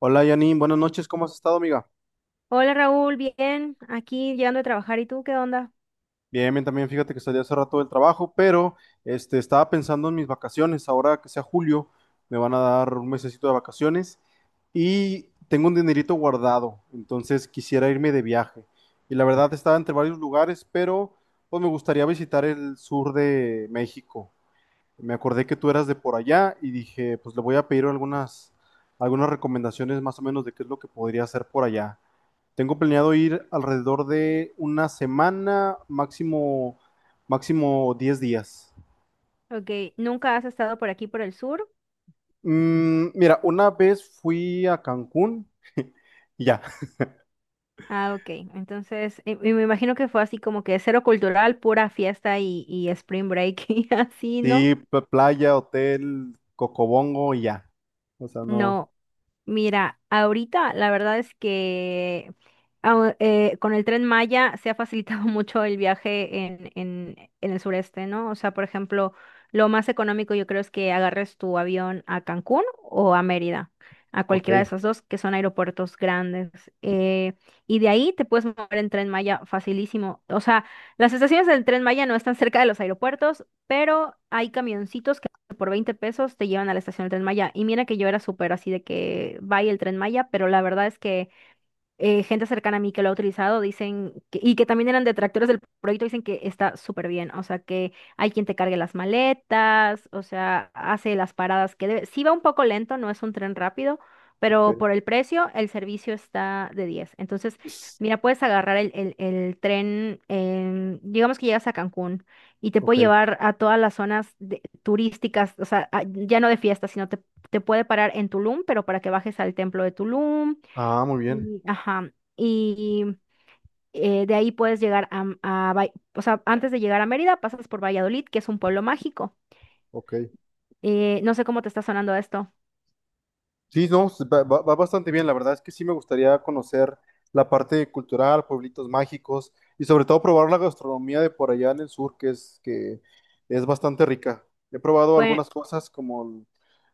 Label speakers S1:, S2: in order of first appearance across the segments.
S1: Hola Janine, buenas noches, ¿cómo has estado, amiga?
S2: Hola Raúl, bien, aquí llegando a trabajar. ¿Y tú qué onda?
S1: Bien, bien, también fíjate que salí hace rato del trabajo, pero estaba pensando en mis vacaciones. Ahora que sea julio, me van a dar un mesecito de vacaciones y tengo un dinerito guardado, entonces quisiera irme de viaje. Y la verdad estaba entre varios lugares, pero pues me gustaría visitar el sur de México. Me acordé que tú eras de por allá y dije, pues le voy a pedir algunas recomendaciones más o menos de qué es lo que podría hacer por allá. Tengo planeado ir alrededor de una semana, máximo 10 días.
S2: Ok, ¿nunca has estado por aquí por el sur?
S1: Mira, una vez fui a Cancún y ya.
S2: Ah, ok, entonces y me imagino que fue así como que cero cultural, pura fiesta y spring break y así, ¿no?
S1: Sí, playa, hotel, cocobongo y ya. O sea, no.
S2: No, mira, ahorita la verdad es que con el Tren Maya se ha facilitado mucho el viaje en el sureste, ¿no? O sea, por ejemplo, lo más económico yo creo es que agarres tu avión a Cancún o a Mérida, a
S1: Ok,
S2: cualquiera de esos dos que son aeropuertos grandes. eh, y de ahí te puedes mover en Tren Maya facilísimo. O sea, las estaciones del Tren Maya no están cerca de los aeropuertos, pero hay camioncitos por 20 pesos te llevan a la estación del Tren Maya. Y mira que yo era súper así de que vaya el Tren Maya, pero la verdad es que gente cercana a mí que lo ha utilizado dicen y que también eran detractores del proyecto, dicen que está súper bien. O sea, que hay quien te cargue las maletas, o sea, hace las paradas que debe. Sí va un poco lento, no es un tren rápido, pero por
S1: ok,
S2: el precio, el servicio está de diez. Entonces, mira, puedes agarrar el tren, digamos que llegas a Cancún y te
S1: ok.
S2: puede llevar a todas las zonas turísticas, o sea, ya no de fiesta, sino te puede parar en Tulum, pero para que bajes al templo de Tulum
S1: Ah, muy bien.
S2: y, ajá, y de ahí puedes llegar a, o sea, antes de llegar a Mérida pasas por Valladolid, que es un pueblo mágico.
S1: Ok.
S2: No sé cómo te está sonando esto.
S1: Sí, no, s- va bastante bien. La verdad es que sí me gustaría conocer la parte cultural, pueblitos mágicos y sobre todo probar la gastronomía de por allá en el sur, que es bastante rica. He probado
S2: Pues
S1: algunas cosas como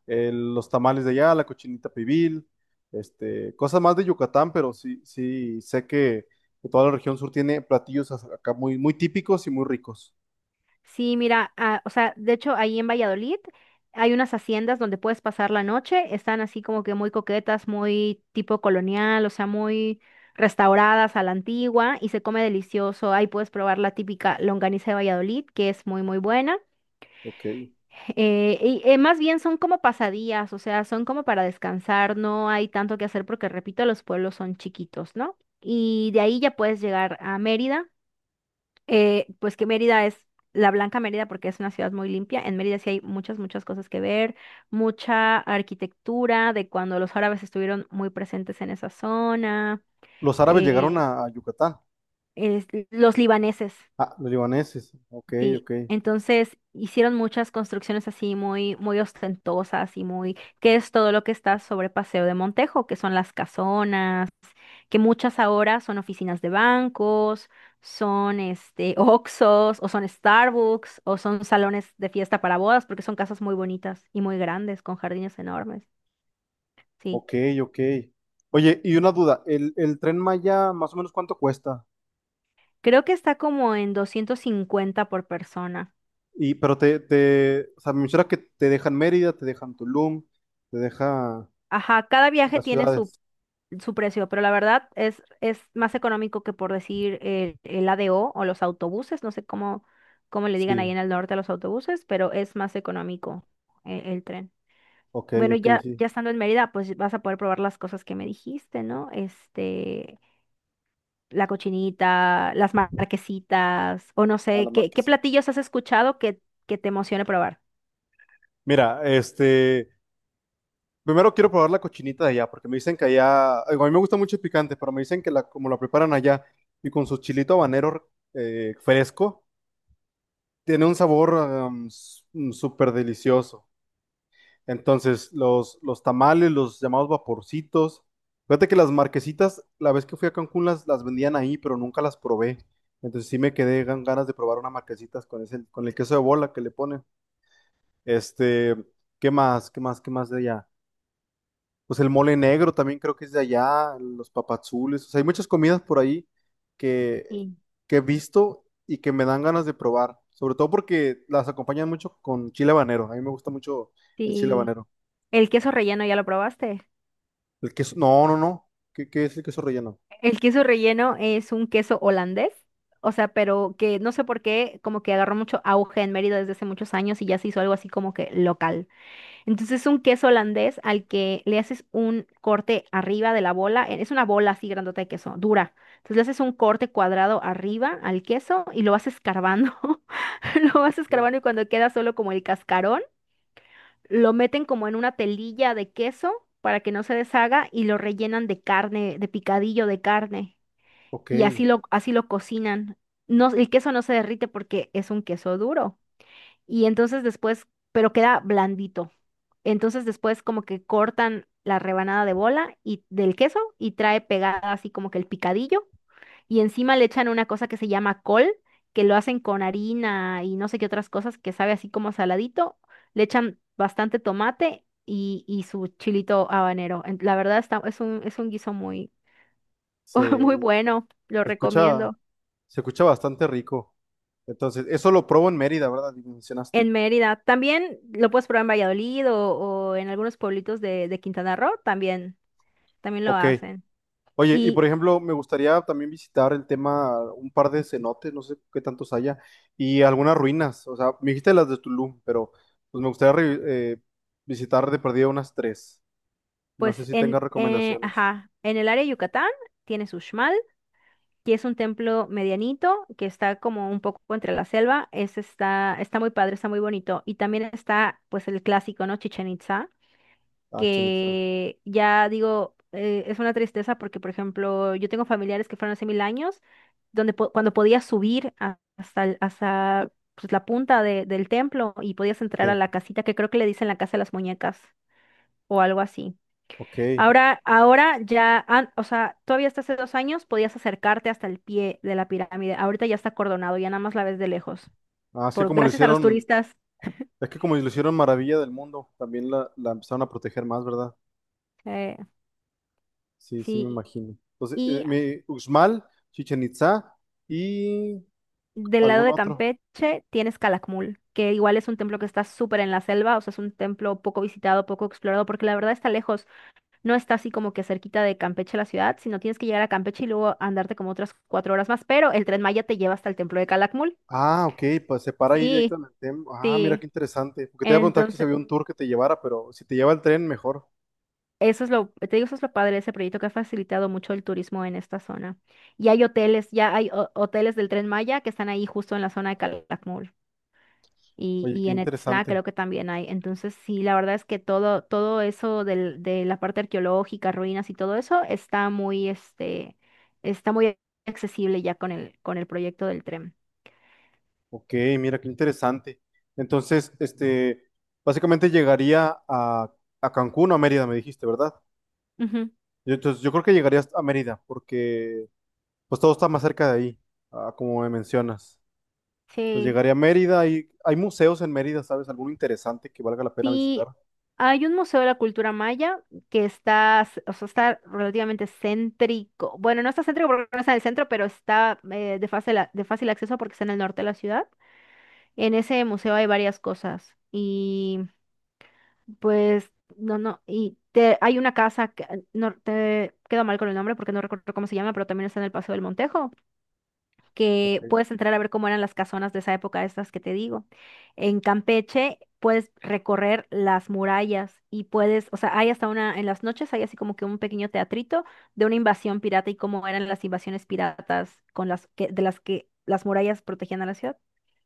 S1: los tamales de allá, la cochinita pibil, este, cosas más de Yucatán, pero sí, sí sé que toda la región sur tiene platillos acá muy, muy típicos y muy ricos.
S2: sí, mira, ah, o sea, de hecho ahí en Valladolid hay unas haciendas donde puedes pasar la noche, están así como que muy coquetas, muy tipo colonial, o sea, muy restauradas a la antigua y se come delicioso. Ahí puedes probar la típica longaniza de Valladolid, que es muy, muy buena.
S1: Ok.
S2: Más bien son como pasadías, o sea, son como para descansar, no hay tanto que hacer porque, repito, los pueblos son chiquitos, ¿no? Y de ahí ya puedes llegar a Mérida, pues que Mérida es la Blanca Mérida porque es una ciudad muy limpia. En Mérida sí hay muchas, muchas cosas que ver, mucha arquitectura de cuando los árabes estuvieron muy presentes en esa zona,
S1: Los árabes llegaron
S2: eh,
S1: a Yucatán.
S2: los libaneses.
S1: Ah, los libaneses. Ok,
S2: Sí,
S1: ok.
S2: entonces hicieron muchas construcciones así muy, muy ostentosas y muy, que es todo lo que está sobre Paseo de Montejo, que son las casonas, que muchas ahora son oficinas de bancos, son Oxxos, o son Starbucks, o son salones de fiesta para bodas, porque son casas muy bonitas y muy grandes, con jardines enormes. Sí,
S1: Ok, ok. Oye, y una duda, el Tren Maya, ¿más o menos cuánto cuesta?
S2: creo que está como en 250 por persona.
S1: Y, pero o sea, me menciona que te dejan Mérida, te dejan Tulum, te deja
S2: Ajá, cada viaje
S1: las
S2: tiene su
S1: ciudades.
S2: su precio, pero la verdad es más económico que por decir el ADO o los autobuses, no sé cómo le digan ahí
S1: Sí,
S2: en el norte a los autobuses, pero es más económico el tren.
S1: ok,
S2: Bueno,
S1: ok,
S2: ya,
S1: sí.
S2: ya estando en Mérida, pues vas a poder probar las cosas que me dijiste, ¿no? La cochinita, las marquesitas, o no
S1: A la
S2: sé,
S1: mar
S2: ¿qué,
S1: que
S2: qué
S1: sí.
S2: platillos has escuchado que te emocione probar?
S1: Mira, este, primero quiero probar la cochinita de allá, porque me dicen que allá, digo, a mí me gusta mucho el picante, pero me dicen que como la preparan allá y con su chilito habanero fresco, tiene un sabor s- súper delicioso. Entonces, los tamales, los llamados vaporcitos. Fíjate que las marquesitas, la vez que fui a Cancún, las vendían ahí, pero nunca las probé. Entonces sí me quedé ganas de probar unas marquesitas con ese, con el queso de bola que le ponen. Este, ¿qué más? ¿Qué más? ¿Qué más de allá? Pues el mole negro también creo que es de allá, los papazules. O sea, hay muchas comidas por ahí que,
S2: Sí.
S1: que he visto y que me dan ganas de probar. Sobre todo porque las acompañan mucho con chile habanero. A mí me gusta mucho el chile
S2: Sí.
S1: habanero.
S2: ¿El queso relleno ya lo probaste?
S1: El queso, no, no, no. ¿Qué es el queso relleno?
S2: El queso relleno es un queso holandés, o sea, pero que no sé por qué, como que agarró mucho auge en Mérida desde hace muchos años y ya se hizo algo así como que local. Entonces es un queso holandés al que le haces un corte arriba de la bola, es una bola así grandota de queso, dura. Entonces le haces un corte cuadrado arriba al queso y lo vas escarbando, lo vas
S1: Mm.
S2: escarbando y cuando queda solo como el cascarón, lo meten como en una telilla de queso para que no se deshaga y lo rellenan de carne, de picadillo de carne
S1: Ok,
S2: y así lo cocinan. No, el queso no se derrite porque es un queso duro. Y entonces después, pero queda blandito. Entonces después como que cortan la rebanada de bola y del queso y trae pegada así como que el picadillo y encima le echan una cosa que se llama col, que lo hacen con harina y no sé qué otras cosas que sabe así como saladito. Le echan bastante tomate y su chilito habanero. La verdad es un guiso muy,
S1: se,
S2: muy bueno, lo
S1: se escucha,
S2: recomiendo.
S1: se escucha bastante rico. Entonces, eso lo probo en Mérida, ¿verdad? Y mencionaste.
S2: En Mérida. También lo puedes probar en Valladolid o en algunos pueblitos de Quintana Roo, también, también lo
S1: Ok.
S2: hacen.
S1: Oye, y por
S2: Y
S1: ejemplo, me gustaría también visitar el tema, un par de cenotes, no sé qué tantos haya, y algunas ruinas. O sea, me dijiste las de Tulum, pero pues me gustaría re- visitar de perdida unas tres. No sé
S2: pues
S1: si tengas recomendaciones.
S2: ajá, en el área de Yucatán tienes Uxmal, que es un templo medianito, que está como un poco entre la selva. Ese está muy padre, está muy bonito. Y también está pues el clásico, ¿no? Chichen Itza,
S1: Ah, Chenitza.
S2: que ya digo, es una tristeza porque, por ejemplo, yo tengo familiares que fueron hace mil años, donde cuando podías subir hasta, hasta pues, la punta del templo y podías entrar a
S1: Sí.
S2: la casita, que creo que le dicen la casa de las muñecas o algo así.
S1: Ok.
S2: Ahora, ahora ya, o sea, todavía hasta hace 2 años podías acercarte hasta el pie de la pirámide. Ahorita ya está acordonado, ya nada más la ves de lejos.
S1: Ah, así como lo
S2: Gracias a los
S1: hicieron.
S2: turistas.
S1: Es que como lo hicieron Maravilla del Mundo, también la empezaron a proteger más, ¿verdad?
S2: eh,
S1: Sí, sí me
S2: sí.
S1: imagino. Entonces,
S2: Y
S1: Uxmal, Chichen Itza y
S2: del lado
S1: algún
S2: de
S1: otro.
S2: Campeche tienes Calakmul, que igual es un templo que está súper en la selva, o sea, es un templo poco visitado, poco explorado, porque la verdad está lejos, no está así como que cerquita de Campeche la ciudad, sino tienes que llegar a Campeche y luego andarte como otras 4 horas más, pero el tren Maya te lleva hasta el templo de Calakmul.
S1: Ah, ok, pues se para ahí
S2: Sí,
S1: directamente. Ah, mira
S2: sí.
S1: qué interesante. Porque te iba a preguntar si
S2: Entonces,
S1: había un tour que te llevara, pero si te lleva el tren, mejor.
S2: eso es lo, te digo, eso es lo padre de ese proyecto que ha facilitado mucho el turismo en esta zona. Y hay hoteles, ya hay hoteles del tren Maya que están ahí justo en la zona de Calakmul. y,
S1: Oye,
S2: y
S1: qué
S2: en Etzna
S1: interesante.
S2: creo que también hay. Entonces, sí, la verdad es que todo, todo eso de la parte arqueológica, ruinas y todo eso está muy, está muy accesible ya con el proyecto del tren.
S1: Ok, mira qué interesante. Entonces, este, básicamente llegaría a Cancún o a Mérida, me dijiste, ¿verdad?
S2: Ujú.
S1: Yo, entonces, yo creo que llegarías a Mérida, porque pues todo está más cerca de ahí, ah, como me mencionas. Pues
S2: Sí,
S1: llegaría a Mérida y hay museos en Mérida, ¿sabes? ¿Alguno interesante que valga la pena
S2: sí,
S1: visitar?
S2: hay un museo de la cultura maya que o sea, está relativamente céntrico. Bueno, no está céntrico porque no está en el centro, pero está de fácil acceso porque está en el norte de la ciudad. En ese museo hay varias cosas y pues, no, no. Y hay una casa que no te quedo mal con el nombre porque no recuerdo cómo se llama, pero también está en el Paseo del Montejo, que
S1: Eh,
S2: puedes entrar a ver cómo eran las casonas de esa época, estas que te digo. En Campeche puedes recorrer las murallas y puedes, o sea, hay hasta una, en las noches hay así como que un pequeño teatrito de una invasión pirata y cómo eran las invasiones piratas con las que, de las que las murallas protegían a la ciudad.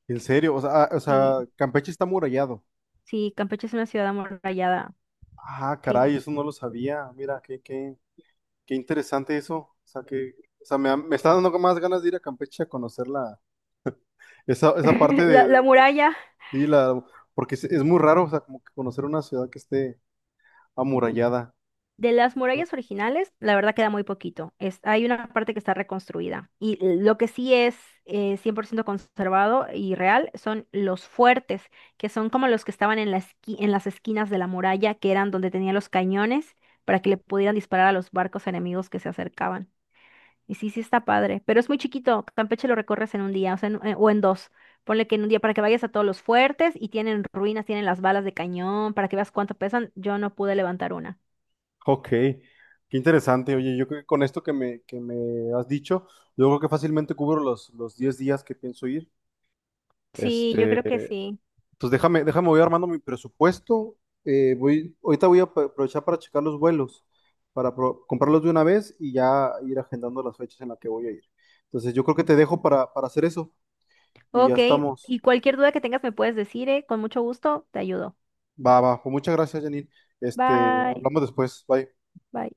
S1: ¿en serio? O sea, ah, o sea,
S2: Sí,
S1: Campeche está amurallado.
S2: sí, Campeche es una ciudad amurallada.
S1: Ah,
S2: Sí.
S1: caray, eso no lo sabía. Mira, qué, qué, qué interesante eso. O sea, que, o sea, me está dando más ganas de ir a Campeche a conocer esa parte
S2: La muralla.
S1: sí, la, porque es muy raro, o sea, como que conocer una ciudad que esté amurallada.
S2: De las murallas originales, la verdad queda muy poquito. Hay una parte que está reconstruida. Y lo que sí es 100% conservado y real son los fuertes, que son como los que estaban en la en las esquinas de la muralla, que eran donde tenían los cañones para que le pudieran disparar a los barcos enemigos que se acercaban. Y sí, sí está padre, pero es muy chiquito. Campeche lo recorres en un día, o sea, o en dos. Ponle que en un día para que vayas a todos los fuertes y tienen ruinas, tienen las balas de cañón, para que veas cuánto pesan. Yo no pude levantar una.
S1: Ok, qué interesante. Oye, yo creo que con esto que me has dicho, yo creo que fácilmente cubro los 10 días que pienso ir.
S2: Sí, yo
S1: Este,
S2: creo que sí.
S1: pues déjame, déjame, voy armando mi presupuesto. Ahorita voy a aprovechar para checar los vuelos, para comprarlos de una vez y ya ir agendando las fechas en las que voy a ir. Entonces, yo creo que te dejo para hacer eso y ya
S2: Ok,
S1: estamos.
S2: y cualquier duda que tengas me puedes decir, ¿eh? Con mucho gusto, te ayudo.
S1: Va, va. Pues muchas gracias, Janine. Este,
S2: Bye,
S1: hablamos después. Bye.
S2: bye.